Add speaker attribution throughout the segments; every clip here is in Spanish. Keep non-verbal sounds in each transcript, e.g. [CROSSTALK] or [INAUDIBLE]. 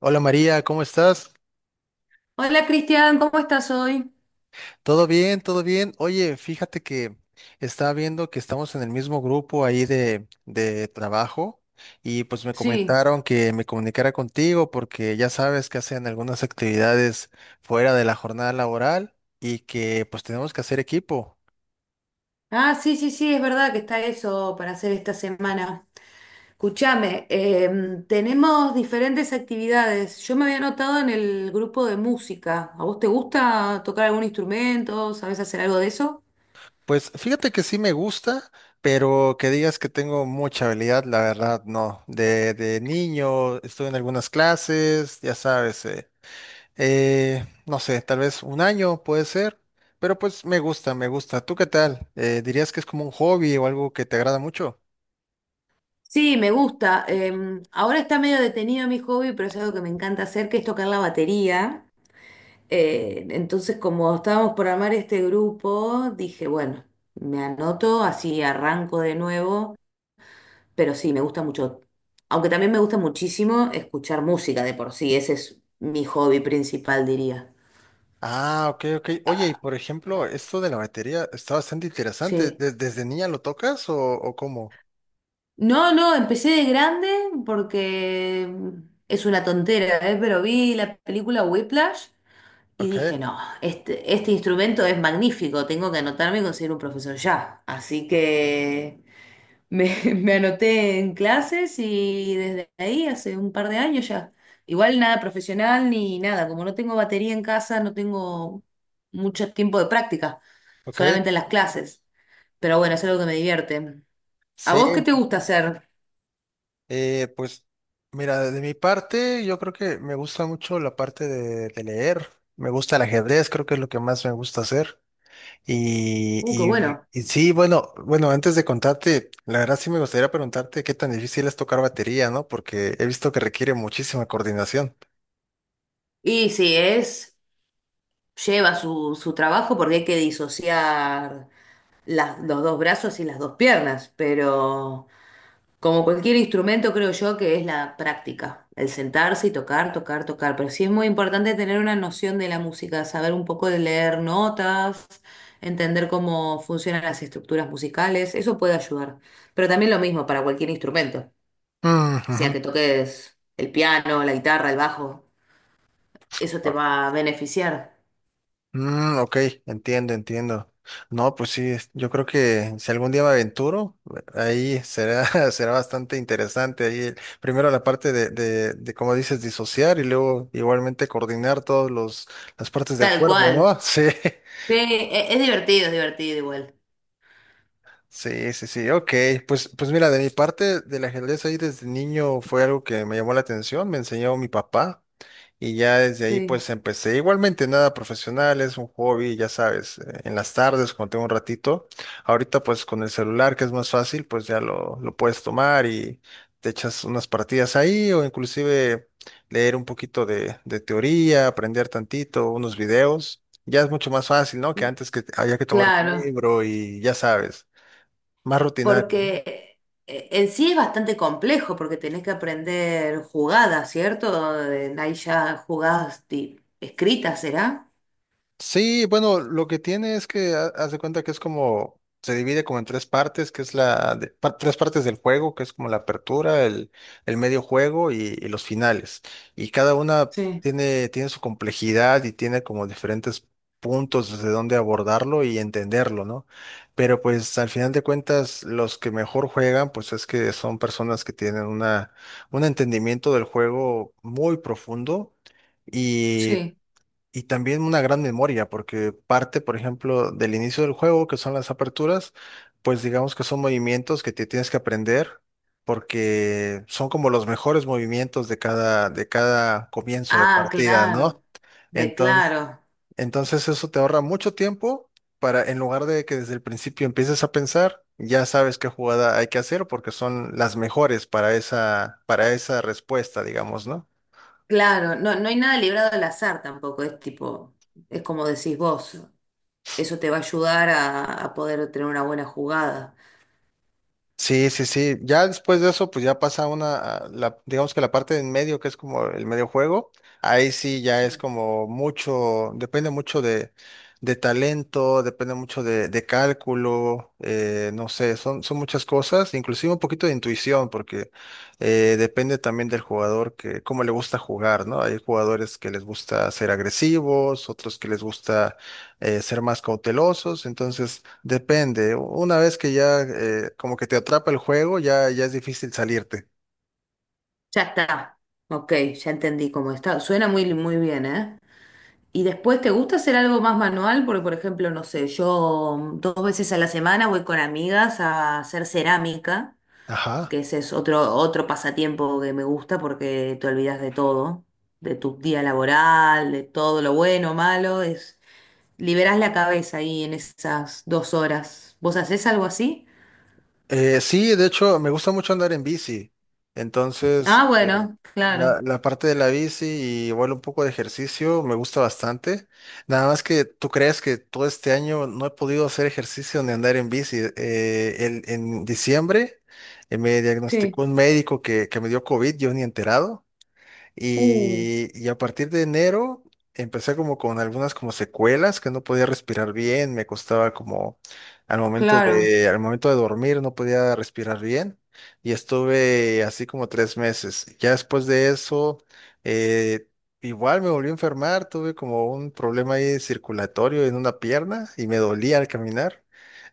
Speaker 1: Hola María, ¿cómo estás?
Speaker 2: Hola Cristian, ¿cómo estás hoy?
Speaker 1: ¿Todo bien? ¿Todo bien? Oye, fíjate que estaba viendo que estamos en el mismo grupo ahí de trabajo, y pues me
Speaker 2: Sí.
Speaker 1: comentaron que me comunicara contigo porque ya sabes que hacen algunas actividades fuera de la jornada laboral y que pues tenemos que hacer equipo.
Speaker 2: Ah, sí, sí, sí, es verdad que está eso para hacer esta semana. Escúchame, tenemos diferentes actividades. Yo me había anotado en el grupo de música. ¿A vos te gusta tocar algún instrumento? ¿Sabés hacer algo de eso?
Speaker 1: Pues fíjate que sí me gusta, pero que digas que tengo mucha habilidad, la verdad no. De niño estuve en algunas clases, ya sabes. No sé, tal vez un año puede ser, pero pues me gusta, me gusta. ¿Tú qué tal? ¿Dirías que es como un hobby o algo que te agrada mucho?
Speaker 2: Sí, me gusta. Ahora está medio detenido mi hobby, pero es algo que me encanta hacer, que es tocar la batería. Entonces, como estábamos por armar este grupo, dije, bueno, me anoto, así arranco de nuevo. Pero sí, me gusta mucho. Aunque también me gusta muchísimo escuchar música de por sí. Ese es mi hobby principal, diría.
Speaker 1: Ah, ok, ok. Oye, y por ejemplo, esto de la batería está bastante interesante.
Speaker 2: Sí.
Speaker 1: ¿Desde niña lo tocas o cómo?
Speaker 2: No, no, empecé de grande porque es una tontera, ¿eh? Pero vi la película Whiplash y dije,
Speaker 1: Ok,
Speaker 2: no, este instrumento es magnífico, tengo que anotarme y conseguir un profesor ya. Así que me, [LAUGHS] me anoté en clases y desde ahí hace un par de años ya. Igual nada profesional ni nada, como no tengo batería en casa, no tengo mucho tiempo de práctica,
Speaker 1: ok.
Speaker 2: solamente en las clases. Pero bueno, es algo que me divierte. ¿A
Speaker 1: Sí.
Speaker 2: vos qué te gusta hacer?
Speaker 1: Pues mira, de mi parte, yo creo que me gusta mucho la parte de leer. Me gusta el ajedrez, creo que es lo que más me gusta hacer. Y,
Speaker 2: Qué
Speaker 1: y-
Speaker 2: bueno.
Speaker 1: y sí, bueno, bueno, antes de contarte, la verdad sí me gustaría preguntarte qué tan difícil es tocar batería, ¿no? Porque he visto que requiere muchísima coordinación.
Speaker 2: Y sí, es, lleva su trabajo porque hay que disociar los dos brazos y las dos piernas, pero Como cualquier instrumento, creo yo que es la práctica, el sentarse y tocar, tocar, tocar. Pero sí es muy importante tener una noción de la música, saber un poco de leer notas, entender cómo funcionan las estructuras musicales, eso puede ayudar. Pero también lo mismo para cualquier instrumento,
Speaker 1: Mm, ujú.
Speaker 2: sea que toques el piano, la guitarra, el bajo, eso te va a beneficiar.
Speaker 1: Mm, ok, entiendo, entiendo. No, pues sí, yo creo que si algún día me aventuro, ahí será, [LAUGHS] será bastante interesante. Ahí, primero la parte de como dices, disociar y luego igualmente coordinar las partes del
Speaker 2: Tal
Speaker 1: cuerpo,
Speaker 2: cual.
Speaker 1: ¿no? [LAUGHS] Sí,
Speaker 2: Sí, es divertido igual.
Speaker 1: sí, sí, sí. Ok, pues mira, de mi parte, del ajedrez ahí desde niño fue algo que me llamó la atención, me enseñó mi papá. Y ya desde ahí
Speaker 2: Sí,
Speaker 1: pues empecé. Igualmente nada profesional, es un hobby, ya sabes, en las tardes cuando tengo un ratito. Ahorita pues con el celular que es más fácil, pues ya lo puedes tomar y te echas unas partidas ahí o inclusive leer un poquito de teoría, aprender tantito, unos videos. Ya es mucho más fácil, ¿no? Que antes que había que tomar un
Speaker 2: claro.
Speaker 1: libro y ya sabes, más rutinario.
Speaker 2: Porque en sí es bastante complejo, porque tenés que aprender jugadas, ¿cierto? Ahí ya jugadas escritas, ¿será?
Speaker 1: Sí, bueno, lo que tiene es que haz de cuenta que es como, se divide como en tres partes, que es tres partes del juego, que es como la apertura, el medio juego y los finales. Y cada una
Speaker 2: Sí,
Speaker 1: tiene su complejidad y tiene como diferentes puntos desde donde abordarlo y entenderlo, ¿no? Pero pues al final de cuentas, los que mejor juegan, pues es que son personas que tienen un entendimiento del juego muy profundo.
Speaker 2: sí.
Speaker 1: Y también una gran memoria, porque parte, por ejemplo, del inicio del juego, que son las aperturas, pues digamos que son movimientos que te tienes que aprender, porque son como los mejores movimientos de cada comienzo de
Speaker 2: Ah,
Speaker 1: partida, ¿no?
Speaker 2: claro, de
Speaker 1: Entonces,
Speaker 2: claro,
Speaker 1: entonces eso te ahorra mucho tiempo para, en lugar de que desde el principio empieces a pensar, ya sabes qué jugada hay que hacer, porque son las mejores para esa respuesta, digamos, ¿no?
Speaker 2: claro. No, no hay nada librado al azar tampoco, es tipo, es como decís vos, eso te va a ayudar a poder tener una buena jugada.
Speaker 1: Sí, sí, sí. Ya después de eso, pues ya pasa digamos que la parte de en medio, que es como el medio juego, ahí sí ya es
Speaker 2: Sí.
Speaker 1: como mucho, depende mucho de talento, depende mucho de cálculo, no sé, son muchas cosas, inclusive un poquito de intuición, porque depende también del jugador que, cómo le gusta jugar, ¿no? Hay jugadores que les gusta ser agresivos, otros que les gusta ser más cautelosos, entonces depende. Una vez que ya como que te atrapa el juego, ya, ya es difícil salirte.
Speaker 2: Ya está, ok, ya entendí cómo está. Suena muy, muy bien, ¿eh? ¿Y después te gusta hacer algo más manual? Porque, por ejemplo, no sé, yo dos veces a la semana voy con amigas a hacer cerámica,
Speaker 1: Ajá.
Speaker 2: que ese es otro, otro pasatiempo que me gusta porque te olvidas de todo, de tu día laboral, de todo lo bueno, malo, es liberás la cabeza ahí en esas dos horas. ¿Vos hacés algo así?
Speaker 1: Sí, de hecho, me gusta mucho andar en bici. Entonces,
Speaker 2: Ah, bueno, claro.
Speaker 1: la parte de la bici y igual un poco de ejercicio me gusta bastante. Nada más que tú crees que todo este año no he podido hacer ejercicio ni andar en bici. En diciembre me diagnosticó
Speaker 2: Sí.
Speaker 1: un médico que me dio COVID, yo ni enterado.
Speaker 2: Uh,
Speaker 1: Y a partir de enero empecé como con algunas como secuelas que no podía respirar bien, me costaba como al momento
Speaker 2: claro,
Speaker 1: al momento de dormir no podía respirar bien y estuve así como tres meses. Ya después de eso, eh, igual me volví a enfermar, tuve como un problema ahí circulatorio en una pierna y me dolía al caminar.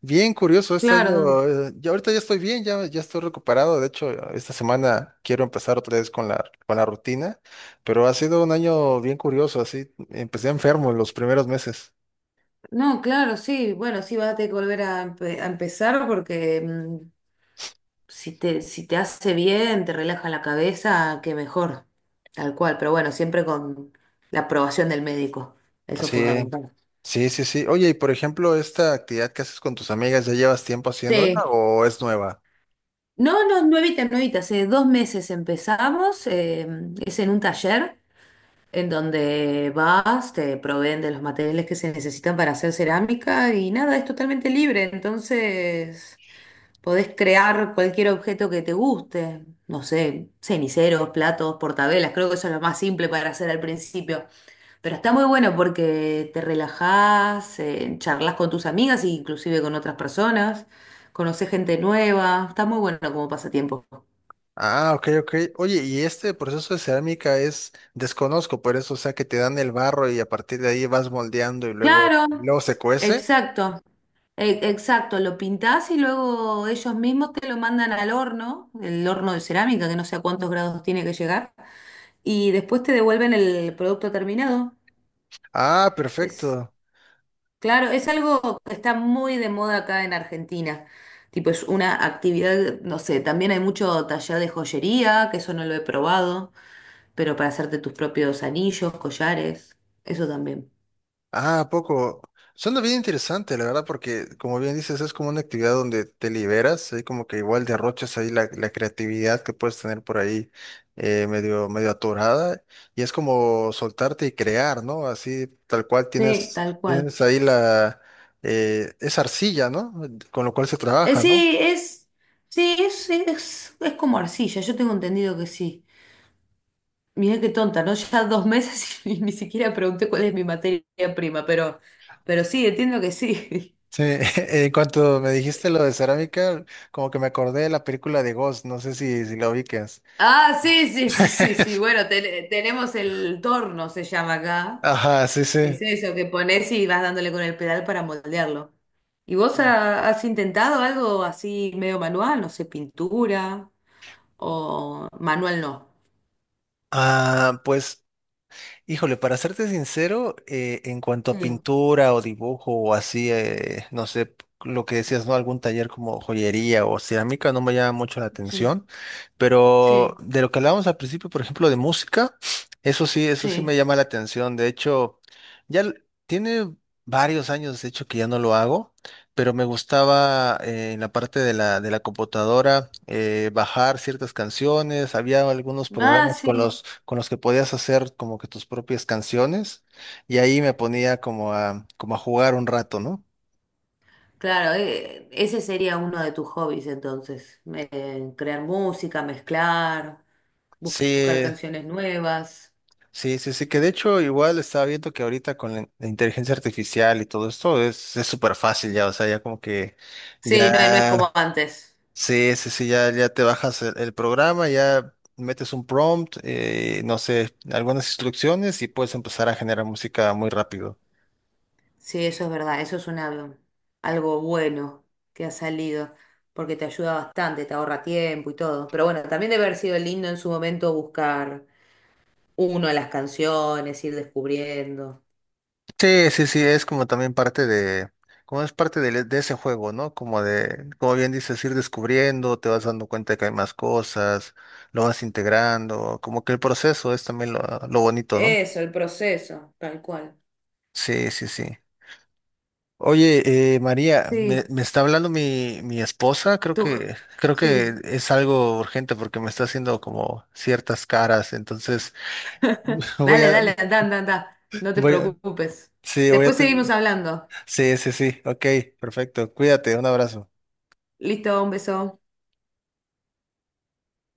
Speaker 1: Bien curioso este
Speaker 2: claro.
Speaker 1: año. Ya ahorita ya estoy bien, ya, ya estoy recuperado. De hecho, esta semana quiero empezar otra vez con la rutina, pero ha sido un año bien curioso. Así empecé enfermo los primeros meses.
Speaker 2: No, claro, sí. Bueno, sí vas a tener que volver a, a empezar porque si te, si te hace bien, te relaja la cabeza, qué mejor. Tal cual, pero bueno, siempre con la aprobación del médico. Eso es
Speaker 1: Así,
Speaker 2: fundamental.
Speaker 1: sí, sí, sí. Oye, y por ejemplo, esta actividad que haces con tus amigas, ¿ya llevas tiempo haciéndola
Speaker 2: Sí.
Speaker 1: o es nueva?
Speaker 2: No, no, nuevita, nuevita. Hace dos meses empezamos. Es en un taller en donde vas, te proveen de los materiales que se necesitan para hacer cerámica y nada, es totalmente libre. Entonces, podés crear cualquier objeto que te guste, no sé, ceniceros, platos, portavelas, creo que eso es lo más simple para hacer al principio. Pero está muy bueno porque te relajás, charlas con tus amigas e inclusive con otras personas, conocés gente nueva, está muy bueno como pasatiempo.
Speaker 1: Ah, ok, ok. Oye, y este proceso de cerámica es desconozco, por eso, o sea, que te dan el barro y a partir de ahí vas moldeando
Speaker 2: Claro,
Speaker 1: luego se cuece.
Speaker 2: exacto, exacto, lo pintás y luego ellos mismos te lo mandan al horno, el horno de cerámica que no sé a cuántos grados tiene que llegar, y después te devuelven el producto terminado.
Speaker 1: Ah,
Speaker 2: Es,
Speaker 1: perfecto.
Speaker 2: claro, es algo que está muy de moda acá en Argentina. Tipo, es una actividad, no sé, también hay mucho taller de joyería, que eso no lo he probado, pero para hacerte tus propios anillos, collares, eso también.
Speaker 1: Ah, ¿a poco? Suena bien interesante, la verdad, porque como bien dices, es como una actividad donde te liberas, hay como que igual derrochas ahí la creatividad que puedes tener por ahí medio atorada, y es como soltarte y crear, ¿no? Así tal cual
Speaker 2: Sí, tal cual.
Speaker 1: tienes ahí la esa arcilla, ¿no? Con lo cual se
Speaker 2: Eh,
Speaker 1: trabaja, ¿no?
Speaker 2: sí, es, sí, es como arcilla, yo tengo entendido que sí. Mirá qué tonta, ¿no? Ya dos meses [LAUGHS] y ni siquiera pregunté cuál es mi materia prima, pero sí, entiendo que sí.
Speaker 1: Sí, [LAUGHS] en cuanto me dijiste lo de cerámica, como que me acordé de la película de Ghost, no sé si la ubicas.
Speaker 2: Ah, sí, sí, sí, sí, sí.
Speaker 1: [LAUGHS]
Speaker 2: Bueno, tenemos el torno, se llama acá.
Speaker 1: Ajá, sí, sí.
Speaker 2: Es eso que pones y vas dándole con el pedal para moldearlo. ¿Y vos has intentado algo así medio manual? No sé, pintura o manual no.
Speaker 1: Ah, pues, híjole, para serte sincero, en cuanto
Speaker 2: Sí,
Speaker 1: a pintura o dibujo o así, no sé, lo que decías, ¿no? Algún taller como joyería o cerámica no me llama mucho la
Speaker 2: sí,
Speaker 1: atención, pero
Speaker 2: sí,
Speaker 1: de lo que hablábamos al principio, por ejemplo, de música, eso sí
Speaker 2: sí.
Speaker 1: me llama la atención. De hecho, ya l- tiene varios años, de hecho, que ya no lo hago, pero me gustaba en la parte de la computadora bajar ciertas canciones, había algunos
Speaker 2: Ah,
Speaker 1: programas con
Speaker 2: sí.
Speaker 1: los que podías hacer como que tus propias canciones y ahí me ponía como a, como a jugar un rato, ¿no?
Speaker 2: Claro, ese sería uno de tus hobbies entonces. Crear música, mezclar, buscar
Speaker 1: Sí,
Speaker 2: canciones nuevas.
Speaker 1: sí, sí, sí, que de hecho igual estaba viendo que ahorita con la inteligencia artificial y todo esto es súper fácil ya, o sea, ya como que
Speaker 2: Sí, no, no es como
Speaker 1: ya,
Speaker 2: antes.
Speaker 1: sí, sí, sí, ya, ya te bajas el programa, ya metes un prompt, no sé, algunas instrucciones y puedes empezar a generar música muy rápido.
Speaker 2: Sí, eso es verdad, eso es una, algo bueno que ha salido, porque te ayuda bastante, te ahorra tiempo y todo. Pero bueno, también debe haber sido lindo en su momento buscar uno a las canciones, ir descubriendo.
Speaker 1: Sí, sí, sí, es como también parte de, como es parte ese juego, ¿no? Como de, como bien dices, ir descubriendo, te vas dando cuenta de que hay más cosas, lo vas integrando, como que el proceso es también lo bonito, ¿no?
Speaker 2: Eso, el proceso, tal cual.
Speaker 1: Sí, sí, sí. Oye, María,
Speaker 2: Sí,
Speaker 1: me está hablando mi esposa, creo
Speaker 2: tú,
Speaker 1: creo que
Speaker 2: sí.
Speaker 1: es algo urgente porque me está haciendo como ciertas caras, entonces [LAUGHS] voy
Speaker 2: Dale,
Speaker 1: a,
Speaker 2: dale, anda, anda, anda. No te
Speaker 1: voy a,
Speaker 2: preocupes.
Speaker 1: sí, voy a,
Speaker 2: Después seguimos hablando.
Speaker 1: sí, sí, sí, ok, perfecto, cuídate, un abrazo.
Speaker 2: Listo, un beso.